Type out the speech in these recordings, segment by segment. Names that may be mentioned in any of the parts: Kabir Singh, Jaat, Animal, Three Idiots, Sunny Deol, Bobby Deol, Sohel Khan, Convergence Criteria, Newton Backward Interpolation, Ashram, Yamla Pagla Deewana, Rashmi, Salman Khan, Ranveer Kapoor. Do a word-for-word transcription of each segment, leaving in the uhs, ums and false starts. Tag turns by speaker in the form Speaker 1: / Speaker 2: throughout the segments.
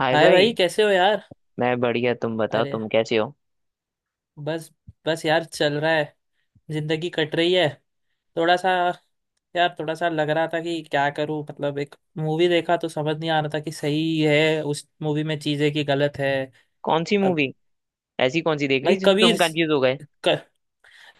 Speaker 1: हाय
Speaker 2: hi
Speaker 1: भाई।
Speaker 2: भाई, कैसे हो यार।
Speaker 1: मैं बढ़िया, तुम बताओ
Speaker 2: अरे,
Speaker 1: तुम कैसे हो।
Speaker 2: बस। बस यार, चल रहा है। जिंदगी कट रही है। थोड़ा सा यार, थोड़ा सा लग रहा था कि क्या करूं। मतलब एक मूवी देखा तो समझ नहीं आ रहा था कि सही है उस मूवी में चीजें कि गलत है।
Speaker 1: कौन सी
Speaker 2: अब
Speaker 1: मूवी? ऐसी कौन सी देख
Speaker 2: भाई
Speaker 1: ली जिसमें तुम
Speaker 2: कबीर,
Speaker 1: कंफ्यूज हो गए?
Speaker 2: क,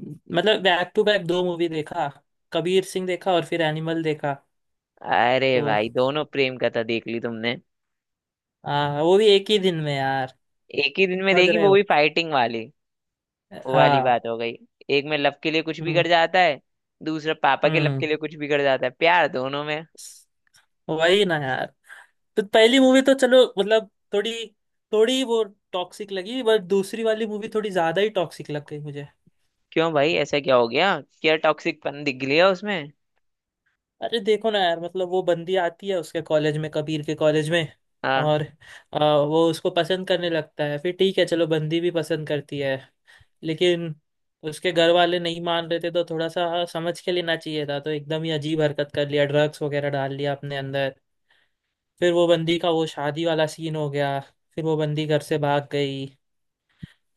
Speaker 2: मतलब बैक टू बैक दो मूवी देखा। कबीर सिंह देखा और फिर एनिमल देखा।
Speaker 1: अरे
Speaker 2: तो
Speaker 1: भाई दोनों प्रेम कथा देख ली तुमने।
Speaker 2: हाँ, वो भी एक ही दिन में यार।
Speaker 1: एक ही दिन में
Speaker 2: समझ
Speaker 1: देखी,
Speaker 2: रहे
Speaker 1: वो भी
Speaker 2: हो।
Speaker 1: फाइटिंग वाली। वो वाली
Speaker 2: हाँ।
Speaker 1: बात हो गई। एक में लव के लिए कुछ
Speaker 2: हम्म।
Speaker 1: बिगड़ जाता है, दूसरा पापा के लव के
Speaker 2: हम्म।
Speaker 1: लिए कुछ बिगड़ जाता है, प्यार दोनों में।
Speaker 2: वही ना यार। तो पहली मूवी तो चलो मतलब थोड़ी थोड़ी वो टॉक्सिक लगी, बट दूसरी वाली मूवी थोड़ी ज्यादा ही टॉक्सिक लग गई मुझे।
Speaker 1: क्यों भाई, ऐसा क्या हो गया? क्या टॉक्सिक पन दिख गया उसमें?
Speaker 2: अरे देखो ना यार, मतलब वो बंदी आती है उसके कॉलेज में, कबीर के कॉलेज में।
Speaker 1: हाँ
Speaker 2: और आ, वो उसको पसंद करने लगता है। फिर ठीक है, चलो बंदी भी पसंद करती है, लेकिन उसके घर वाले नहीं मान रहे थे। तो थोड़ा सा समझ के लेना चाहिए था, तो एकदम ही अजीब हरकत कर लिया, ड्रग्स वगैरह डाल लिया अपने अंदर। फिर वो बंदी का वो शादी वाला सीन हो गया। फिर वो बंदी घर से भाग गई।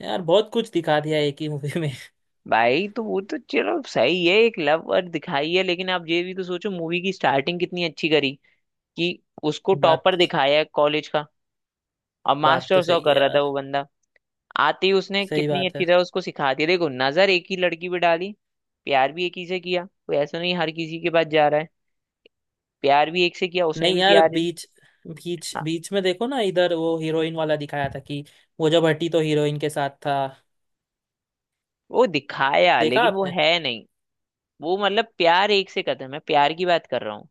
Speaker 2: यार बहुत कुछ दिखा दिया एक ही मूवी में।
Speaker 1: भाई, तो वो तो चलो सही है, एक लव और दिखाई है, लेकिन आप ये भी तो सोचो, मूवी की स्टार्टिंग कितनी अच्छी करी कि उसको
Speaker 2: बात,
Speaker 1: टॉपर दिखाया है कॉलेज का। अब
Speaker 2: बात
Speaker 1: मास्टर
Speaker 2: तो
Speaker 1: सौ
Speaker 2: सही है
Speaker 1: कर रहा था वो
Speaker 2: यार।
Speaker 1: बंदा। आती, उसने
Speaker 2: सही
Speaker 1: कितनी
Speaker 2: बात
Speaker 1: अच्छी
Speaker 2: है।
Speaker 1: तरह उसको सिखा दिया। देखो, नजर एक ही लड़की पे डाली, प्यार भी एक ही से किया, कोई ऐसा नहीं हर किसी के पास जा रहा है। प्यार भी एक से किया उसने,
Speaker 2: नहीं
Speaker 1: भी
Speaker 2: यार,
Speaker 1: प्यार।
Speaker 2: बीच बीच
Speaker 1: हाँ,
Speaker 2: बीच में देखो ना, इधर वो हीरोइन वाला दिखाया था कि वो जब हटी तो हीरोइन के साथ था।
Speaker 1: वो दिखाया
Speaker 2: देखा
Speaker 1: लेकिन वो
Speaker 2: आपने।
Speaker 1: है नहीं। वो मतलब प्यार एक से करता है, मैं प्यार की बात कर रहा हूँ।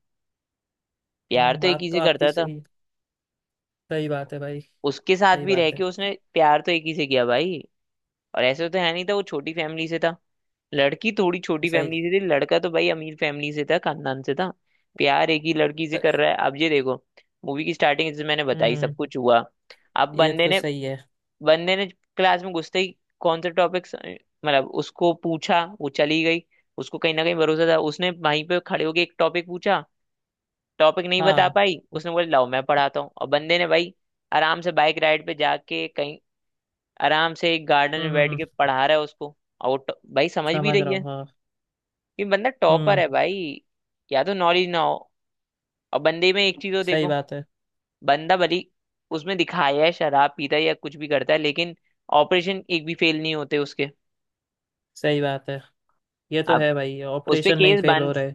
Speaker 1: प्यार
Speaker 2: हम्म,
Speaker 1: तो एक
Speaker 2: बात
Speaker 1: ही
Speaker 2: तो
Speaker 1: से
Speaker 2: आपकी
Speaker 1: करता था।
Speaker 2: सही। सही बात है भाई।
Speaker 1: उसके साथ
Speaker 2: सही
Speaker 1: भी रह
Speaker 2: बात
Speaker 1: के
Speaker 2: है।
Speaker 1: उसने प्यार तो एक ही से किया भाई। और ऐसे तो है नहीं था, वो छोटी फैमिली से था। लड़की थोड़ी छोटी
Speaker 2: सही।
Speaker 1: फैमिली से थी, लड़का तो भाई अमीर फैमिली से था, खानदान से था। प्यार एक ही लड़की से कर
Speaker 2: स-
Speaker 1: रहा है। अब ये देखो, मूवी की स्टार्टिंग जैसे मैंने बताई, सब
Speaker 2: हम्म।
Speaker 1: कुछ हुआ। अब
Speaker 2: ये
Speaker 1: बंदे
Speaker 2: तो
Speaker 1: ने
Speaker 2: सही है।
Speaker 1: बंदे ने क्लास में घुसते ही कौन सा टॉपिक, मतलब उसको पूछा, वो चली गई। उसको कहीं ना कहीं भरोसा था, उसने वहीं पे खड़े होके एक टॉपिक पूछा, टॉपिक नहीं बता
Speaker 2: हाँ।
Speaker 1: पाई, उसने बोला लाओ मैं पढ़ाता हूँ, और बंदे ने भाई आराम से बाइक राइड पे जाके कहीं, आराम से एक गार्डन
Speaker 2: हम्म
Speaker 1: में
Speaker 2: हम्म
Speaker 1: बैठ के
Speaker 2: हम्म,
Speaker 1: पढ़ा रहा है उसको, और वो ट- भाई समझ भी
Speaker 2: समझ
Speaker 1: रही
Speaker 2: रहा हूँ।
Speaker 1: है।
Speaker 2: हाँ।
Speaker 1: ये बंदा टॉपर
Speaker 2: हम्म।
Speaker 1: है भाई। या तो नॉलेज ना हो। और बंदे में एक चीज हो
Speaker 2: सही
Speaker 1: देखो,
Speaker 2: बात है।
Speaker 1: बंदा भली उसमें दिखाया है शराब पीता है या कुछ भी करता है लेकिन ऑपरेशन एक भी फेल नहीं होते उसके।
Speaker 2: सही बात है। ये तो
Speaker 1: अब
Speaker 2: है भाई,
Speaker 1: उस पे
Speaker 2: ऑपरेशन नहीं
Speaker 1: केस
Speaker 2: फेल
Speaker 1: बन,
Speaker 2: हो रहे।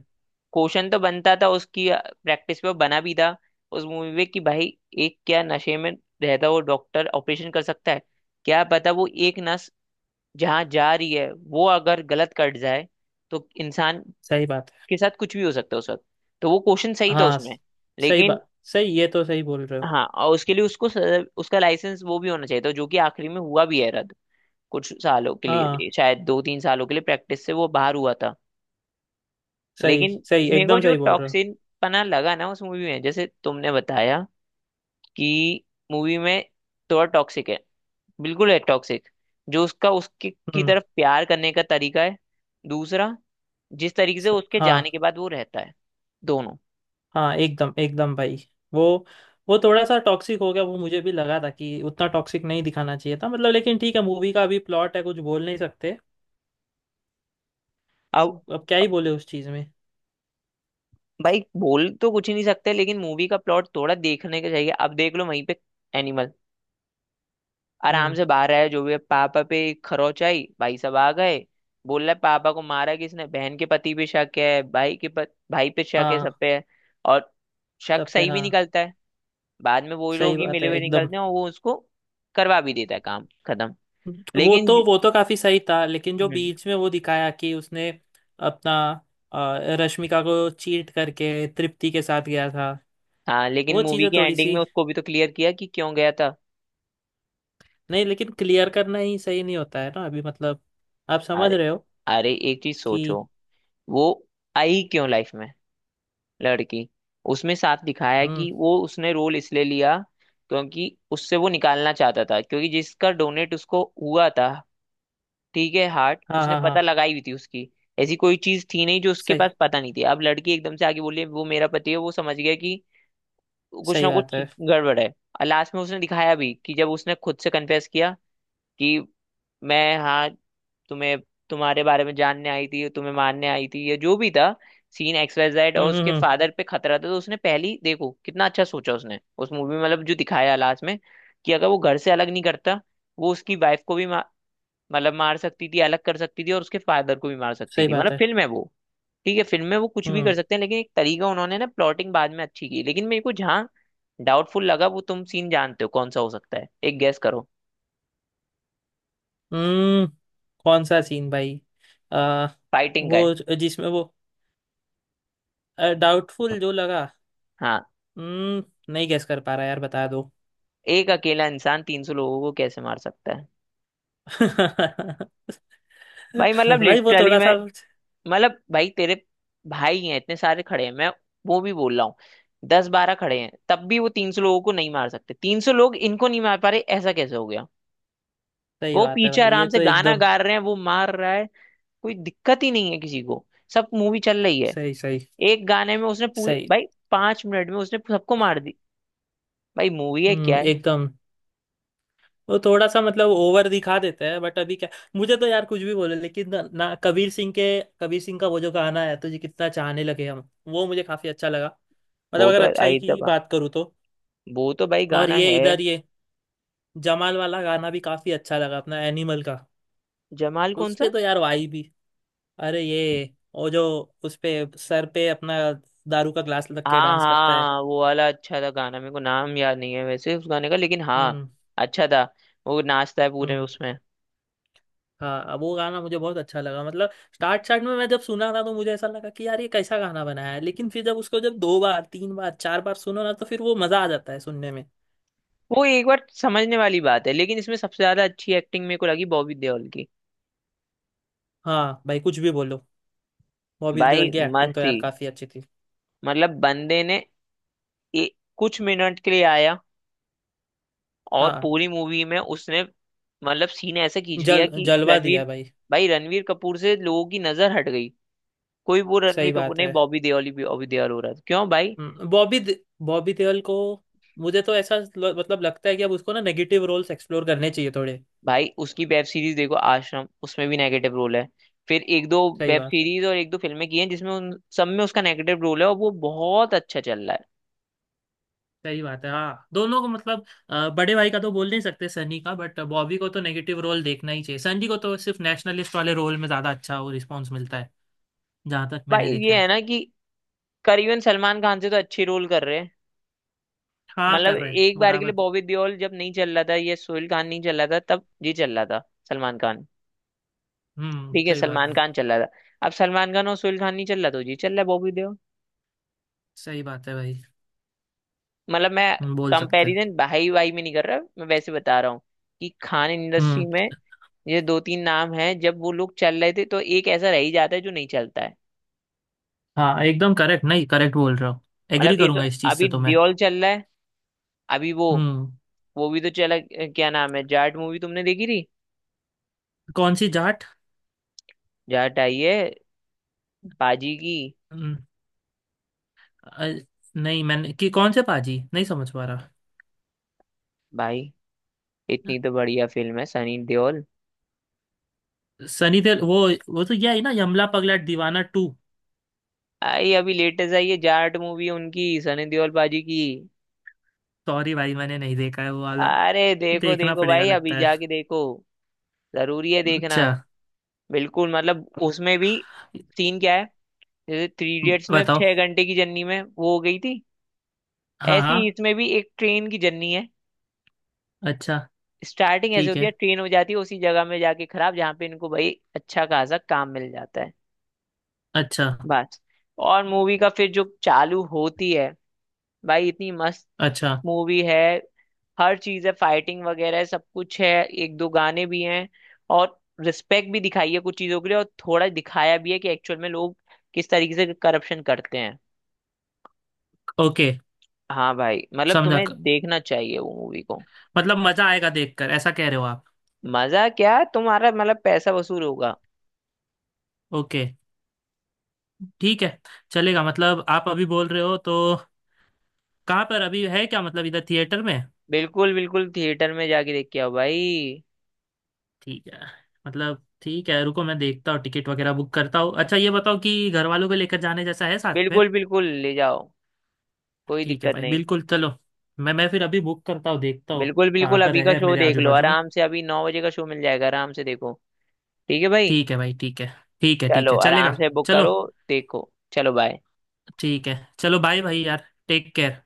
Speaker 1: क्वेश्चन तो बनता था उसकी प्रैक्टिस पे, वो बना भी था उस मूवी में कि भाई एक क्या नशे में रहता वो डॉक्टर ऑपरेशन कर सकता है? क्या पता वो एक नस जहाँ जा रही है वो अगर गलत कट जाए तो इंसान
Speaker 2: सही बात है।
Speaker 1: के साथ कुछ भी हो सकता है उस वक्त। तो वो क्वेश्चन सही था
Speaker 2: हाँ,
Speaker 1: उसमें।
Speaker 2: स- सही
Speaker 1: लेकिन
Speaker 2: बात। सही, ये तो सही बोल रहे हो।
Speaker 1: हाँ, और उसके लिए उसको स- उसका लाइसेंस वो भी होना चाहिए था, जो कि आखिरी में हुआ भी है रद्द। कुछ सालों के
Speaker 2: हाँ,
Speaker 1: लिए, शायद दो तीन सालों के लिए प्रैक्टिस से वो बाहर हुआ था।
Speaker 2: सही
Speaker 1: लेकिन
Speaker 2: सही,
Speaker 1: मेरे को
Speaker 2: एकदम
Speaker 1: जो
Speaker 2: सही बोल रहे हो।
Speaker 1: टॉक्सिन पना लगा ना उस मूवी में, जैसे तुमने बताया कि मूवी में थोड़ा टॉक्सिक है, बिल्कुल है टॉक्सिक, जो उसका उसकी की
Speaker 2: हम्म।
Speaker 1: तरफ प्यार करने का तरीका है। दूसरा, जिस तरीके से
Speaker 2: स-
Speaker 1: उसके जाने
Speaker 2: हाँ।
Speaker 1: के बाद वो रहता है, दोनों।
Speaker 2: हाँ एकदम, एकदम भाई। वो वो थोड़ा सा टॉक्सिक हो गया, वो मुझे भी लगा था कि उतना टॉक्सिक नहीं दिखाना चाहिए था, मतलब। लेकिन ठीक है, मूवी का अभी प्लॉट है, कुछ बोल नहीं सकते।
Speaker 1: अब
Speaker 2: अब क्या ही बोले उस चीज़ में।
Speaker 1: भाई बोल तो कुछ ही नहीं सकते, लेकिन मूवी का प्लॉट थोड़ा देखने का चाहिए। अब देख लो वहीं पे एनिमल, आराम
Speaker 2: हम्म।
Speaker 1: से बाहर आया जो भी है, पापा पे खरोच आई, भाई साहब आ गए। बोल रहा है पापा को मारा किसने, बहन के पति पे शक है, भाई के पत, भाई पे शक है, सब
Speaker 2: हाँ
Speaker 1: पे है। और शक
Speaker 2: सब पे,
Speaker 1: सही भी
Speaker 2: हाँ।
Speaker 1: निकलता है, बाद में वो लोग
Speaker 2: सही
Speaker 1: ही
Speaker 2: बात
Speaker 1: मिले
Speaker 2: है
Speaker 1: हुए
Speaker 2: एकदम।
Speaker 1: निकलते हैं, और वो उसको करवा भी देता है, काम खत्म।
Speaker 2: वो
Speaker 1: लेकिन
Speaker 2: तो, वो तो काफी सही था, लेकिन जो
Speaker 1: हम्म,
Speaker 2: बीच में वो दिखाया कि उसने अपना अ, रश्मिका को चीट करके तृप्ति के साथ गया था।
Speaker 1: हाँ लेकिन
Speaker 2: वो
Speaker 1: मूवी
Speaker 2: चीज़ें
Speaker 1: की
Speaker 2: थोड़ी
Speaker 1: एंडिंग
Speaker 2: सी,
Speaker 1: में उसको भी तो क्लियर किया कि क्यों गया था।
Speaker 2: नहीं, लेकिन क्लियर करना ही सही नहीं होता है ना अभी, मतलब। आप समझ
Speaker 1: अरे,
Speaker 2: रहे हो
Speaker 1: अरे एक चीज सोचो,
Speaker 2: कि।
Speaker 1: वो आई क्यों लाइफ में लड़की, उसमें साफ दिखाया है कि
Speaker 2: हम्म।
Speaker 1: वो उसने रोल इसलिए लिया क्योंकि उससे वो निकालना चाहता था क्योंकि जिसका डोनेट उसको हुआ था, ठीक है, हार्ट
Speaker 2: हाँ
Speaker 1: उसने
Speaker 2: हाँ हाँ।
Speaker 1: पता लगाई हुई थी उसकी। ऐसी कोई चीज थी नहीं जो उसके पास
Speaker 2: सही।
Speaker 1: पता नहीं थी। अब लड़की एकदम से आगे बोली वो मेरा पति है, वो समझ गया कि कुछ ना
Speaker 2: सही बात
Speaker 1: कुछ
Speaker 2: है।
Speaker 1: गड़बड़ है। और लास्ट में उसने दिखाया भी कि जब उसने खुद से कन्फेस किया कि मैं हाँ तुम्हें, तुम्हारे बारे में जानने आई थी, तुम्हें मारने आई थी, या जो भी था सीन एक्स वाई जेड, और
Speaker 2: हम्म हम्म
Speaker 1: उसके
Speaker 2: हम्म,
Speaker 1: फादर पे खतरा था, तो उसने पहली, देखो कितना अच्छा सोचा उसने उस मूवी में, मतलब जो दिखाया लास्ट में कि अगर वो घर से अलग नहीं करता, वो उसकी वाइफ को भी मा, मतलब मार सकती थी, अलग कर सकती थी, और उसके फादर को भी मार सकती
Speaker 2: सही
Speaker 1: थी।
Speaker 2: बात
Speaker 1: मतलब
Speaker 2: है।
Speaker 1: फिल्म है वो, ठीक है, फिल्म में वो कुछ भी कर
Speaker 2: हम्म।
Speaker 1: सकते हैं, लेकिन एक तरीका उन्होंने ना प्लॉटिंग बाद में अच्छी की। लेकिन मेरे को जहाँ डाउटफुल लगा, वो तुम सीन जानते हो कौन सा हो सकता है? एक गेस करो,
Speaker 2: हम्म। कौन सा सीन भाई। आ,
Speaker 1: फाइटिंग का है।
Speaker 2: वो ज- जिसमें वो डाउटफुल जो लगा।
Speaker 1: हाँ।
Speaker 2: हम्म, नहीं गेस कर पा रहा यार, बता दो।
Speaker 1: एक अकेला इंसान तीन सौ लोगों को कैसे मार सकता है? भाई मतलब
Speaker 2: भाई वो
Speaker 1: लिटरली,
Speaker 2: थोड़ा
Speaker 1: मैं
Speaker 2: सा।
Speaker 1: मतलब भाई, तेरे भाई हैं, इतने सारे खड़े हैं, मैं वो भी बोल रहा हूँ, दस बारह खड़े हैं, तब भी वो तीन सौ लोगों को नहीं मार सकते, तीन सौ लोग इनको नहीं मार पा रहे, ऐसा कैसे हो गया?
Speaker 2: सही
Speaker 1: वो
Speaker 2: बात है
Speaker 1: पीछे
Speaker 2: भाई, ये
Speaker 1: आराम से
Speaker 2: तो
Speaker 1: गाना
Speaker 2: एकदम।
Speaker 1: गा रहे हैं, वो मार रहा है, कोई दिक्कत ही नहीं है किसी को, सब मूवी चल रही है।
Speaker 2: सही सही
Speaker 1: एक गाने में उसने पूरे
Speaker 2: सही।
Speaker 1: भाई, पांच मिनट में उसने सबको मार दी। भाई मूवी है क्या
Speaker 2: हम्म
Speaker 1: है।
Speaker 2: एकदम। वो थोड़ा सा मतलब ओवर दिखा देते हैं बट अभी क्या। मुझे तो यार कुछ भी बोले, लेकिन ना, ना कबीर सिंह के, कबीर सिंह का वो जो गाना है तुझे कितना चाहने लगे हम, वो मुझे काफी अच्छा लगा। मतलब
Speaker 1: वो
Speaker 2: अगर
Speaker 1: तो
Speaker 2: अच्छाई
Speaker 1: आई
Speaker 2: की
Speaker 1: था,
Speaker 2: बात करूँ तो।
Speaker 1: वो तो भाई
Speaker 2: और
Speaker 1: गाना
Speaker 2: ये
Speaker 1: है।
Speaker 2: इधर ये जमाल वाला गाना भी काफी अच्छा लगा अपना एनिमल का।
Speaker 1: जमाल कौन
Speaker 2: उस
Speaker 1: सा?
Speaker 2: पे तो यार वाई भी। अरे ये, वो जो उस पे सर पे अपना दारू का ग्लास रख के
Speaker 1: हाँ
Speaker 2: डांस करता है।
Speaker 1: हाँ वो वाला अच्छा था गाना, मेरे को नाम याद नहीं है वैसे उस गाने का, लेकिन हाँ
Speaker 2: हम्म।
Speaker 1: अच्छा था। वो नाचता है पूरे
Speaker 2: हम्म।
Speaker 1: उसमें।
Speaker 2: हाँ, अब वो गाना मुझे बहुत अच्छा लगा, मतलब। स्टार्ट स्टार्ट में मैं जब सुना था तो मुझे ऐसा लगा कि यार ये कैसा गाना बनाया है, लेकिन फिर जब उसको जब दो बार तीन बार चार बार सुनो ना, तो फिर वो मजा आ जाता है सुनने में।
Speaker 1: वो एक बार समझने वाली बात है, लेकिन इसमें सबसे ज्यादा अच्छी एक्टिंग मेरे को लगी बॉबी देओल की।
Speaker 2: हाँ भाई, कुछ भी बोलो, बॉबी
Speaker 1: भाई
Speaker 2: देओल की
Speaker 1: मस्त
Speaker 2: एक्टिंग तो
Speaker 1: थी।
Speaker 2: यार काफी अच्छी थी।
Speaker 1: मतलब बंदे ने ए, कुछ मिनट के लिए आया और
Speaker 2: हाँ,
Speaker 1: पूरी मूवी में उसने, मतलब सीन ऐसे खींच लिया
Speaker 2: जल
Speaker 1: कि
Speaker 2: जलवा दिया
Speaker 1: रणवीर,
Speaker 2: भाई।
Speaker 1: भाई रणवीर कपूर से लोगों की नजर हट गई। कोई वो
Speaker 2: सही
Speaker 1: रणवीर कपूर
Speaker 2: बात
Speaker 1: नहीं,
Speaker 2: है।
Speaker 1: बॉबी देओल ही बॉबी देओल हो रहा था। क्यों भाई,
Speaker 2: हम्म, बॉबी दे- बॉबी देओल को मुझे तो ऐसा ल- मतलब लगता है कि अब उसको ना नेगेटिव रोल्स एक्सप्लोर करने चाहिए थोड़े।
Speaker 1: भाई उसकी वेब सीरीज देखो आश्रम, उसमें भी नेगेटिव रोल है। फिर एक दो
Speaker 2: सही
Speaker 1: वेब
Speaker 2: बात है।
Speaker 1: सीरीज और एक दो फिल्में की हैं जिसमें उन सब में उसका नेगेटिव रोल है, और वो बहुत अच्छा चल रहा है।
Speaker 2: सही बात है, हाँ दोनों को मतलब, अ, बड़े भाई का तो बोल नहीं सकते, सनी का, बट बॉबी को तो नेगेटिव रोल देखना ही चाहिए। सनी को तो सिर्फ नेशनलिस्ट वाले रोल में ज्यादा अच्छा वो रिस्पॉन्स मिलता है, जहां तक
Speaker 1: भाई
Speaker 2: मैंने देखा
Speaker 1: ये
Speaker 2: है।
Speaker 1: है ना कि करीबन सलमान खान से तो अच्छे रोल कर रहे हैं।
Speaker 2: हाँ,
Speaker 1: मतलब
Speaker 2: कर रहे हैं,
Speaker 1: एक बार के लिए
Speaker 2: बराबर को।
Speaker 1: बॉबी देओल जब नहीं चल रहा था, ये सोहेल खान नहीं चल रहा था, तब ये चल रहा था सलमान खान।
Speaker 2: हम्म,
Speaker 1: ठीक है
Speaker 2: सही बात
Speaker 1: सलमान
Speaker 2: है।
Speaker 1: खान चल रहा था। अब सलमान खान और सोहेल खान नहीं चल रहा तो जी चल रहा है बॉबी देओल।
Speaker 2: सही बात है भाई।
Speaker 1: मतलब मैं
Speaker 2: हम्म, बोल सकते हैं।
Speaker 1: कंपैरिजन भाई भाई में नहीं कर रहा, मैं वैसे बता रहा हूँ कि खान इंडस्ट्री
Speaker 2: हम्म।
Speaker 1: में ये दो तीन नाम हैं, जब वो लोग चल रहे थे तो एक ऐसा रह ही जाता है जो नहीं चलता है।
Speaker 2: हाँ एकदम करेक्ट, नहीं करेक्ट बोल रहा हूँ।
Speaker 1: मतलब
Speaker 2: एग्री
Speaker 1: इस,
Speaker 2: करूंगा इस चीज
Speaker 1: अभी
Speaker 2: से तो मैं।
Speaker 1: दियोल चल रहा है, अभी वो
Speaker 2: हम्म।
Speaker 1: वो भी तो चला अ, क्या नाम है, जाट मूवी तुमने देखी थी?
Speaker 2: कौन सी जाट।
Speaker 1: जाट आई है पाजी की।
Speaker 2: हम्म, अ, नहीं मैंने, कि कौन से पाजी नहीं समझ पा रहा।
Speaker 1: भाई इतनी तो बढ़िया फिल्म है सनी देओल।
Speaker 2: सनी देओल, वो वो तो यह है ना, यमला पगला दीवाना टू।
Speaker 1: आई, अभी लेटेस्ट आई है जाट मूवी उनकी, सनी देओल पाजी की।
Speaker 2: सॉरी भाई, मैंने नहीं देखा है वो वाला,
Speaker 1: अरे
Speaker 2: तो
Speaker 1: देखो
Speaker 2: देखना
Speaker 1: देखो
Speaker 2: पड़ेगा
Speaker 1: भाई, अभी
Speaker 2: लगता है।
Speaker 1: जाके देखो, जरूरी है देखना।
Speaker 2: अच्छा।
Speaker 1: बिल्कुल, मतलब उसमें भी सीन क्या है, जैसे थ्री इडियट्स में
Speaker 2: बताओ।
Speaker 1: छह घंटे की जर्नी में वो हो गई थी,
Speaker 2: हाँ
Speaker 1: ऐसी
Speaker 2: हाँ।
Speaker 1: ही इसमें भी एक ट्रेन की जर्नी है।
Speaker 2: अच्छा।
Speaker 1: स्टार्टिंग ऐसे
Speaker 2: ठीक
Speaker 1: होती है,
Speaker 2: है।
Speaker 1: ट्रेन हो जाती है उसी जगह में जाके खराब, जहाँ पे इनको भाई अच्छा खासा काम मिल जाता है।
Speaker 2: अच्छा।
Speaker 1: बस, और मूवी का फिर जो चालू होती है, भाई इतनी मस्त
Speaker 2: अच्छा।
Speaker 1: मूवी है, हर चीज है, फाइटिंग वगैरह है, सब कुछ है, एक दो गाने भी हैं, और रिस्पेक्ट भी दिखाई है कुछ चीजों के लिए, और थोड़ा दिखाया भी है कि एक्चुअल में लोग किस तरीके से करप्शन करते हैं।
Speaker 2: ओके।
Speaker 1: हाँ भाई, मतलब
Speaker 2: समझा,
Speaker 1: तुम्हें देखना चाहिए वो मूवी को।
Speaker 2: मतलब मजा आएगा देखकर ऐसा कह रहे हो आप।
Speaker 1: मजा क्या, तुम्हारा मतलब पैसा वसूल होगा।
Speaker 2: ओके, ठीक है। चलेगा, मतलब आप अभी बोल रहे हो तो। कहाँ पर अभी है क्या, मतलब इधर थिएटर में।
Speaker 1: बिल्कुल बिल्कुल थिएटर में जाके देख के आओ भाई।
Speaker 2: ठीक है, मतलब ठीक है, रुको मैं देखता हूँ टिकट वगैरह बुक करता हूँ। अच्छा ये बताओ कि घर वालों को लेकर जाने जैसा है साथ में।
Speaker 1: बिल्कुल बिल्कुल ले जाओ, कोई
Speaker 2: ठीक है
Speaker 1: दिक्कत
Speaker 2: भाई,
Speaker 1: नहीं।
Speaker 2: बिल्कुल चलो। मैं मैं फिर अभी बुक करता हूँ, देखता हूँ।
Speaker 1: बिल्कुल
Speaker 2: कहाँ
Speaker 1: बिल्कुल
Speaker 2: पर
Speaker 1: अभी का
Speaker 2: है
Speaker 1: शो
Speaker 2: मेरे
Speaker 1: देख
Speaker 2: आजू
Speaker 1: लो
Speaker 2: बाजू में।
Speaker 1: आराम से, अभी नौ बजे का शो मिल जाएगा, आराम से देखो। ठीक है भाई,
Speaker 2: ठीक है भाई, ठीक है। ठीक है। ठीक
Speaker 1: चलो
Speaker 2: है, चलेगा।
Speaker 1: आराम से बुक
Speaker 2: चलो।
Speaker 1: करो। देखो, चलो, बाय।
Speaker 2: ठीक है। चलो बाय भाई, यार टेक केयर।